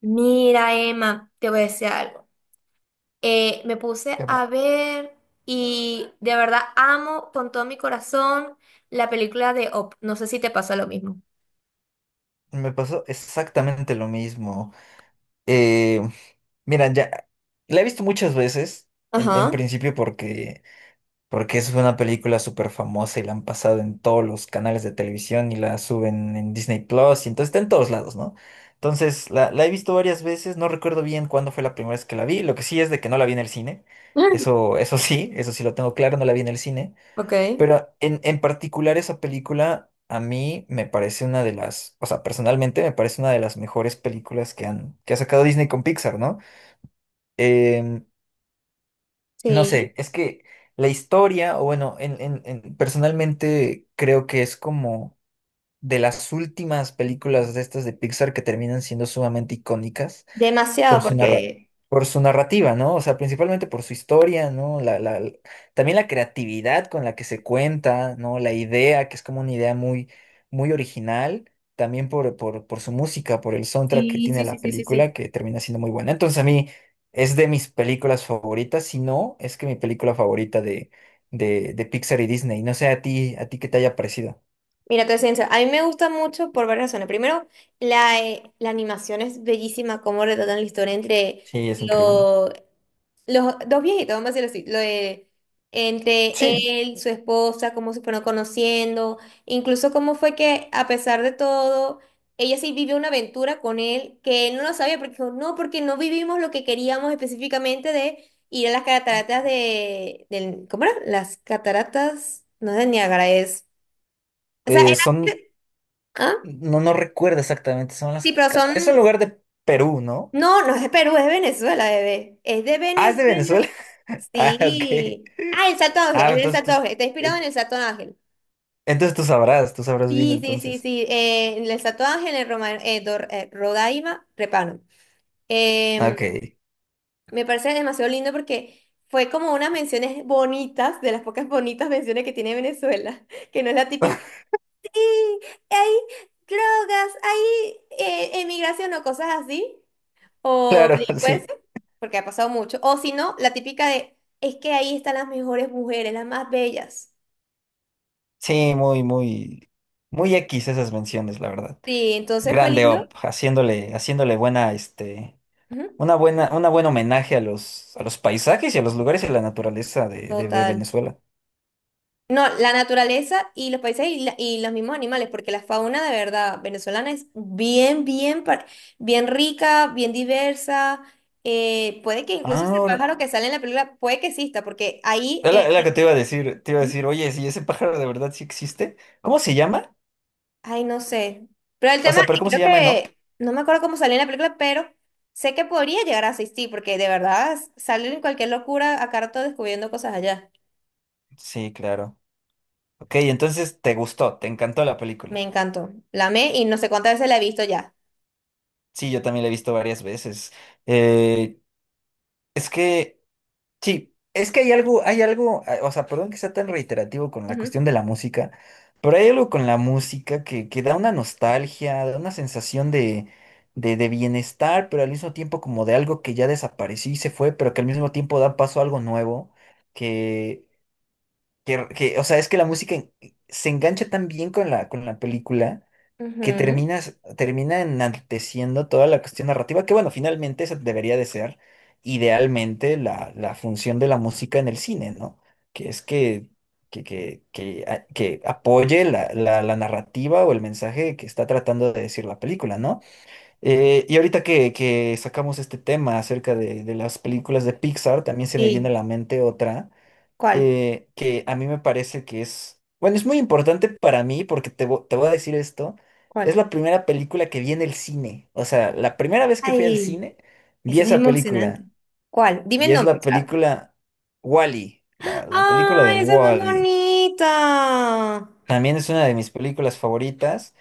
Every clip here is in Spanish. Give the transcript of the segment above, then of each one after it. Mira, Emma, te voy a decir algo. Me puse ¿Qué a pasó? ver y de verdad amo con todo mi corazón la película de Op. No sé si te pasa lo mismo. Me pasó exactamente lo mismo. Eh, Mira, ya la he visto muchas veces, en Ajá. principio porque, porque es una película súper famosa y la han pasado en todos los canales de televisión y la suben en Disney Plus y entonces está en todos lados, ¿no? Entonces la he visto varias veces, no recuerdo bien cuándo fue la primera vez que la vi, lo que sí es de que no la vi en el cine, eso sí lo tengo claro, no la vi en el cine. Ok. Pero en particular esa película a mí me parece una de las, o sea, personalmente me parece una de las mejores películas que que ha sacado Disney con Pixar, ¿no? Em, no Sí. sé, es que la historia, o bueno, personalmente creo que es como de las últimas películas de estas de Pixar que terminan siendo sumamente icónicas por Demasiado, su porque, por su narrativa, ¿no? O sea, principalmente por su historia, ¿no? También la creatividad con la que se cuenta, ¿no? La idea, que es como una idea muy, muy original, también por su música, por el soundtrack que sí, tiene sí, sí, la sí, sí, sí, película, que termina siendo muy buena. Entonces, a mí es de mis películas favoritas, si no, es que mi película favorita de, de Pixar y Disney. No sé a ti qué te haya parecido. mira, te soy sincera, a mí me gusta mucho por varias razones. Primero, la animación es bellísima, cómo retratan la historia entre Sí, es increíble. los dos viejitos, vamos a decirlo así, lo de, entre Sí, él, su esposa, cómo se fueron conociendo, incluso cómo fue que a pesar de todo, ella sí vivió una aventura con él que él no lo sabía porque dijo, no, porque no vivimos lo que queríamos específicamente de ir a las cataratas de, del, ¿cómo era? Las cataratas, no es de Niágara, es, o sea, era, son... ¿ah? No, no recuerdo exactamente. Son Sí, las... pero ca- Es un son, lugar de Perú, ¿no? no, no es de Perú, es de Venezuela, bebé, es de Ah, es de Venezuela. Venezuela. Ah, ok. Sí. Ah, el Santo Ángel, Ah, es del entonces Santo tú... Ángel, está inspirado eh, en el Santo Ángel. Entonces tú sabrás bien Sí, sí, sí, entonces. sí. En el Santo Ángel, en Roma, Rodaima, Repano. Em, Ok. Me parece demasiado lindo porque fue como unas menciones bonitas, de las pocas bonitas menciones que tiene Venezuela, que no es la típica. "Sí, hay drogas, hay emigración o cosas así, o Claro, sí. delincuencia, porque ha pasado mucho. O si no, la típica de, es que ahí están las mejores mujeres, las más bellas. Sí, muy, muy... Muy X esas menciones, la verdad. Sí, entonces fue Grande lindo. Op, haciéndole, haciéndole buena, este... Ujú. Una buena, una buen homenaje a los paisajes y a los lugares y a la naturaleza de Total. Venezuela. No, la naturaleza y los paisajes y, y los mismos animales, porque la fauna de verdad venezolana es bien, bien, bien rica, bien diversa. Puede que incluso ese Ahora pájaro que sale en la película, puede que exista, porque ahí, es es la que te iba a decir, te iba a decir, ujú, oye, si ese pájaro de verdad sí existe, ¿cómo se llama? ay, no sé. Pero el O tema, sea, ¿pero y cómo se creo llama en Up? que, no me acuerdo cómo salió en la película, pero sé que podría llegar a asistir, porque de verdad salen cualquier locura a rato descubriendo cosas allá. Sí, claro. Ok, entonces te gustó, te encantó la Me película. encantó. La amé y no sé cuántas veces la he visto ya. Sí, yo también la he visto varias veces. Eh, es que sí, es que hay algo, o sea, perdón que sea tan reiterativo con la Ujú, cuestión de la música, pero hay algo con la música que da una nostalgia, da una sensación de, de bienestar, pero al mismo tiempo como de algo que ya desapareció y se fue, pero que al mismo tiempo da paso a algo nuevo, que, o sea, es que la se engancha tan bien con con la película que ujú. Termina enalteciendo toda la cuestión narrativa, que bueno, finalmente esa debería de ser idealmente la función de la música en el cine, ¿no? Que es que, que apoye la narrativa o el mensaje que está tratando de decir la película, ¿no? Y ahorita que sacamos este tema acerca de las películas de Pixar, también se me viene a Sí, la mente otra, ¿cuál? Que a mí me parece que es, bueno, es muy importante para mí porque te voy a decir esto, es ¿Cuál? la primera película que vi en el cine, o sea, la primera vez que fui al Ay, cine vi eso es esa emocionante. película ¿Cuál? Dime y el es nombre, la claro. película Wall-E, la película de Ay, esa es más Wall-E. bonita. También es una de mis películas favoritas,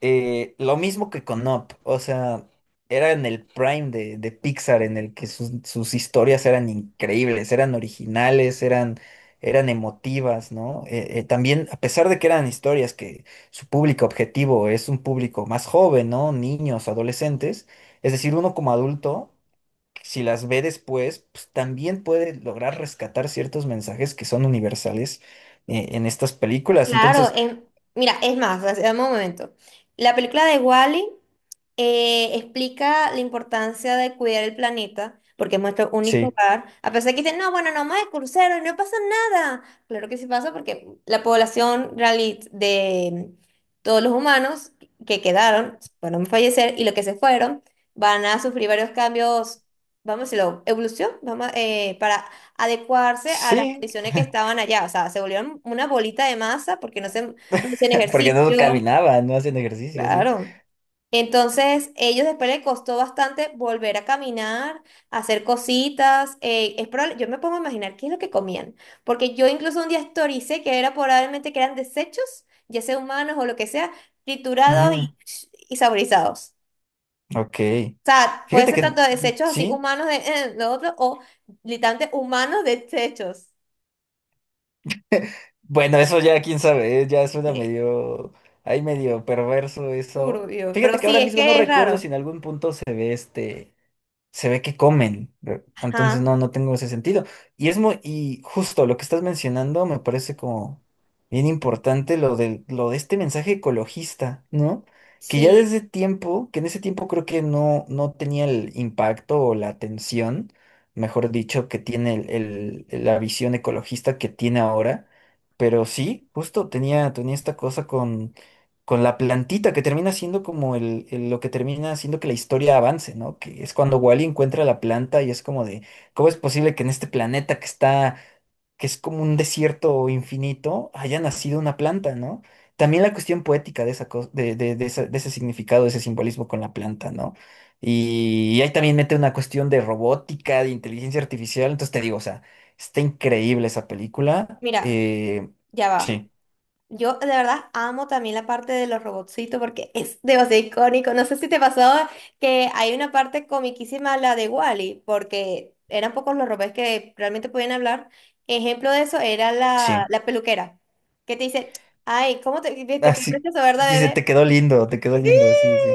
lo mismo que con Up, o sea, era en el prime de Pixar en el que sus historias eran increíbles, eran originales, eran, eran emotivas, ¿no? También, a pesar de que eran historias que su público objetivo es un público más joven, ¿no? Niños, adolescentes, es decir, uno como adulto, si las ve después, pues también puede lograr rescatar ciertos mensajes que son universales, en estas películas. Claro, Entonces, mira, es más, o sea, dame un momento. La película de Wally explica la importancia de cuidar el planeta, porque es nuestro único sí, hogar. A pesar de que dicen, no, bueno, no más de crucero y no pasa nada. Claro que sí pasa porque la población de todos los humanos que quedaron, bueno a fallecer y los que se fueron, van a sufrir varios cambios, vamos a decirlo, evolución, vamos, para adecuarse a las sí. condiciones que estaban allá. O sea, se volvieron una bolita de masa porque no se, no hacían Porque no ejercicio. caminaban, no hacían ejercicio, sí. Claro. Entonces, ellos después les costó bastante volver a caminar, hacer cositas. Yo me pongo a imaginar qué es lo que comían, porque yo incluso un día historicé que era probablemente que eran desechos, ya sea humanos o lo que sea, triturados Mm, y saborizados. ok. O sea, puede Fíjate ser que tanto desechos así sí. humanos de lo otro o literalmente humanos desechos. Bueno, eso ya quién sabe, ya suena De medio, ahí medio perverso eso. turbio, pero Fíjate que sí, ahora es mismo no que es recuerdo si raro. en algún punto se ve este, se ve que comen. ¿Ve? Entonces no, Ajá, no tengo ese sentido. Y es muy, y justo lo que estás mencionando me parece como bien importante lo de este mensaje ecologista, ¿no? Que ya sí. desde tiempo, que en ese tiempo creo que no, no tenía el impacto o la atención, mejor dicho, que tiene la visión ecologista que tiene ahora. Pero sí, justo tenía, tenía esta cosa con la plantita que termina siendo como lo que termina haciendo que la historia avance, ¿no? Que es cuando Wally encuentra la planta y es como de, ¿cómo es posible que en este planeta que está, que es como un desierto infinito, haya nacido una planta, ¿no? También la cuestión poética de esa cosa, de, de de ese significado, de ese simbolismo con la planta, ¿no? Y ahí también mete una cuestión de robótica, de inteligencia artificial, entonces te digo, o sea, está increíble esa película. Mira, ya va. Sí, Yo de verdad amo también la parte de los robotcitos porque es demasiado icónico. No sé si te pasó que hay una parte comiquísima, la de Wally, porque eran pocos los robots que realmente podían hablar. Ejemplo de eso era la, sí. la peluquera, que te dice, ay, ¿cómo te, te qué Así, precioso, verdad, dice, bebé? Te quedó lindo, sí, sí.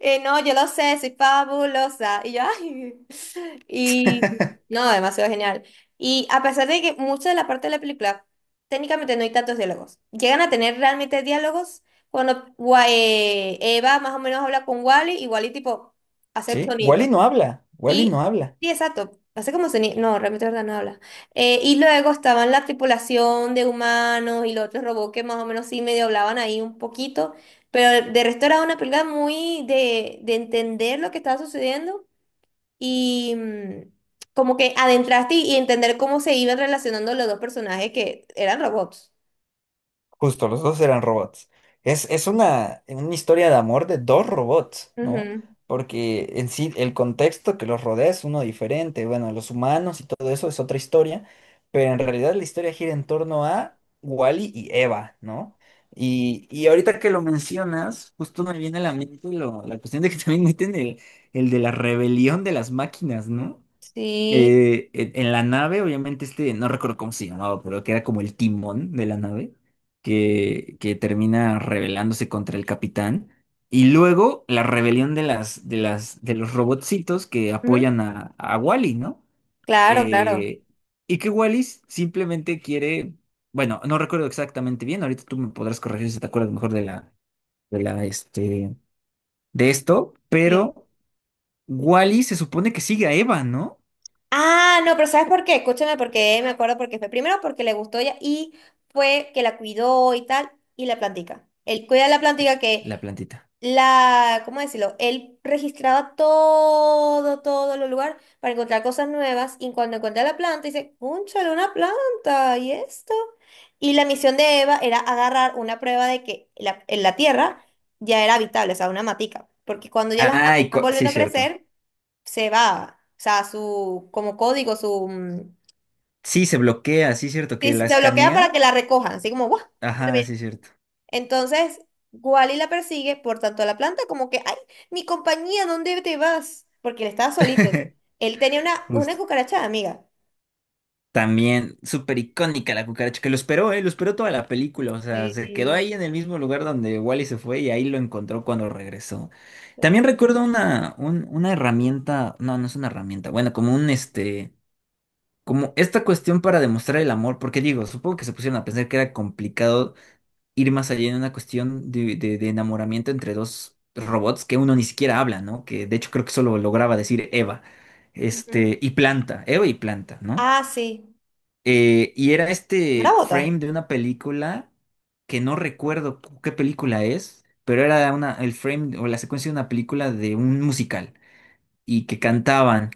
No, yo lo sé, soy fabulosa. Y yo, ay. Y no, demasiado genial. Y a pesar de que mucha de la parte de la película, técnicamente no hay tantos diálogos. Llegan a tener realmente diálogos cuando Eva más o menos habla con Wally y Wally tipo hace Sí, sonido. Wally no habla, Wally no Y habla. sí, exacto. Hace como sonido. No, realmente verdad no habla. Y luego estaban la tripulación de humanos y los otros robots que más o menos sí medio hablaban ahí un poquito. Pero de resto era una película muy de entender lo que estaba sucediendo y como que adentraste y entender cómo se iban relacionando los dos personajes que eran robots. Justo, los dos eran robots. Es una historia de amor de dos robots, ¿no? Ujú. Porque en sí el contexto que los rodea es uno diferente. Bueno, los humanos y todo eso es otra historia, pero en realidad la historia gira en torno a Wally y Eva, ¿no? Y ahorita que lo mencionas, justo me viene a la mente la cuestión de que también meten el de la rebelión de las máquinas, ¿no? Sí. En en la nave, obviamente, este, no recuerdo cómo se llamaba, pero que era como el timón de la nave, que termina rebelándose contra el capitán. Y luego la rebelión de de los robotcitos que Ujú. apoyan a Wally, ¿no? Claro, claro. Eh, y que Wally simplemente quiere, bueno, no recuerdo exactamente bien, ahorita tú me podrás corregir si te acuerdas mejor de la, este, de esto, Sí. pero Wally se supone que sigue a Eva, ¿no? Ah, no, pero ¿sabes por qué? Escúchame, porque me acuerdo porque fue primero porque le gustó ella y fue que la cuidó y tal, y la plantica. Él cuida la Y- plantica La que plantita. la, ¿cómo decirlo? Él registraba todo, todo el lugar para encontrar cosas nuevas y cuando encontré la planta, dice, ¡cónchale, una planta! ¿Y esto? Y la misión de Eva era agarrar una prueba de que la, en la tierra ya era habitable, o sea, una matica, porque cuando ya las matas están Sí, volviendo a cierto. crecer, se va, o sea, su, como código, su, Sí, se bloquea, sí, cierto, sí, que se la bloquea para escanea. que la recojan, así como, ¡guau! Ajá, sí, cierto. Entonces, Wally la persigue por tanto a la planta como que, ay, mi compañía, ¿dónde te vas? Porque él estaba solito. Él tenía una Justo. cucaracha de amiga. También súper icónica la cucaracha, que lo esperó, ¿eh? Lo esperó toda la película, o sea, se quedó Sí. ahí en el mismo lugar donde Wally se fue y ahí lo encontró cuando regresó. También recuerdo una, una herramienta, no, no es una herramienta, bueno, como un este, como esta cuestión para demostrar el amor, porque digo, supongo que se pusieron a pensar que era complicado ir más allá en una cuestión de, de enamoramiento entre dos robots que uno ni siquiera habla, ¿no? Que de hecho creo que solo lograba decir Eva, Ujú. este, y Planta, Eva y Planta, ¿no? Ah, sí. Y era ¿No era este bota? frame de una película que no recuerdo qué película es, pero era una, el frame o la secuencia de una película de un musical y que cantaban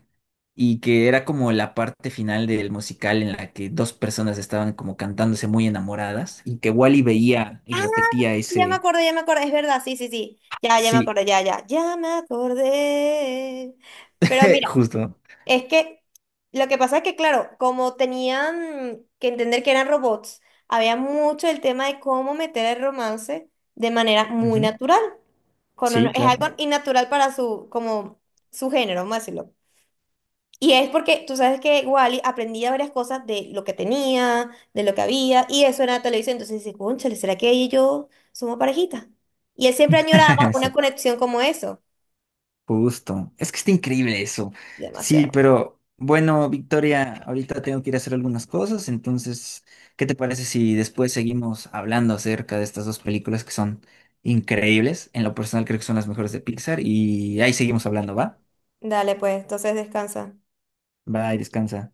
y que era como la parte final del musical en la que dos personas estaban como cantándose muy enamoradas y que Wally veía y repetía ese, Ya me acordé, es verdad, sí, sí, sí. Ya, ya me sí, acordé, ya, ya, ya me acordé. Pero mira, justo. es que lo que pasa es que, claro, como tenían que entender que eran robots, había mucho el tema de cómo meter el romance de manera muy Ujú. natural. Sí, Es claro. algo innatural para su, como, su género, vamos a decirlo. Y es porque tú sabes que Wally aprendía varias cosas de lo que tenía, de lo que había, y eso era la televisión. Entonces dice, cónchale, ¿será que ella y yo somos parejita? Y él siempre añoraba una Eso, conexión como eso. justo. Es que está increíble eso. Sí, Demasiado. pero bueno, Victoria, ahorita tengo que ir a hacer algunas cosas, entonces, ¿qué te parece si después seguimos hablando acerca de estas dos películas que son increíbles? En lo personal creo que son las mejores de Pixar y ahí seguimos hablando, ¿va? Dale, pues, entonces descansa. Bye, descansa.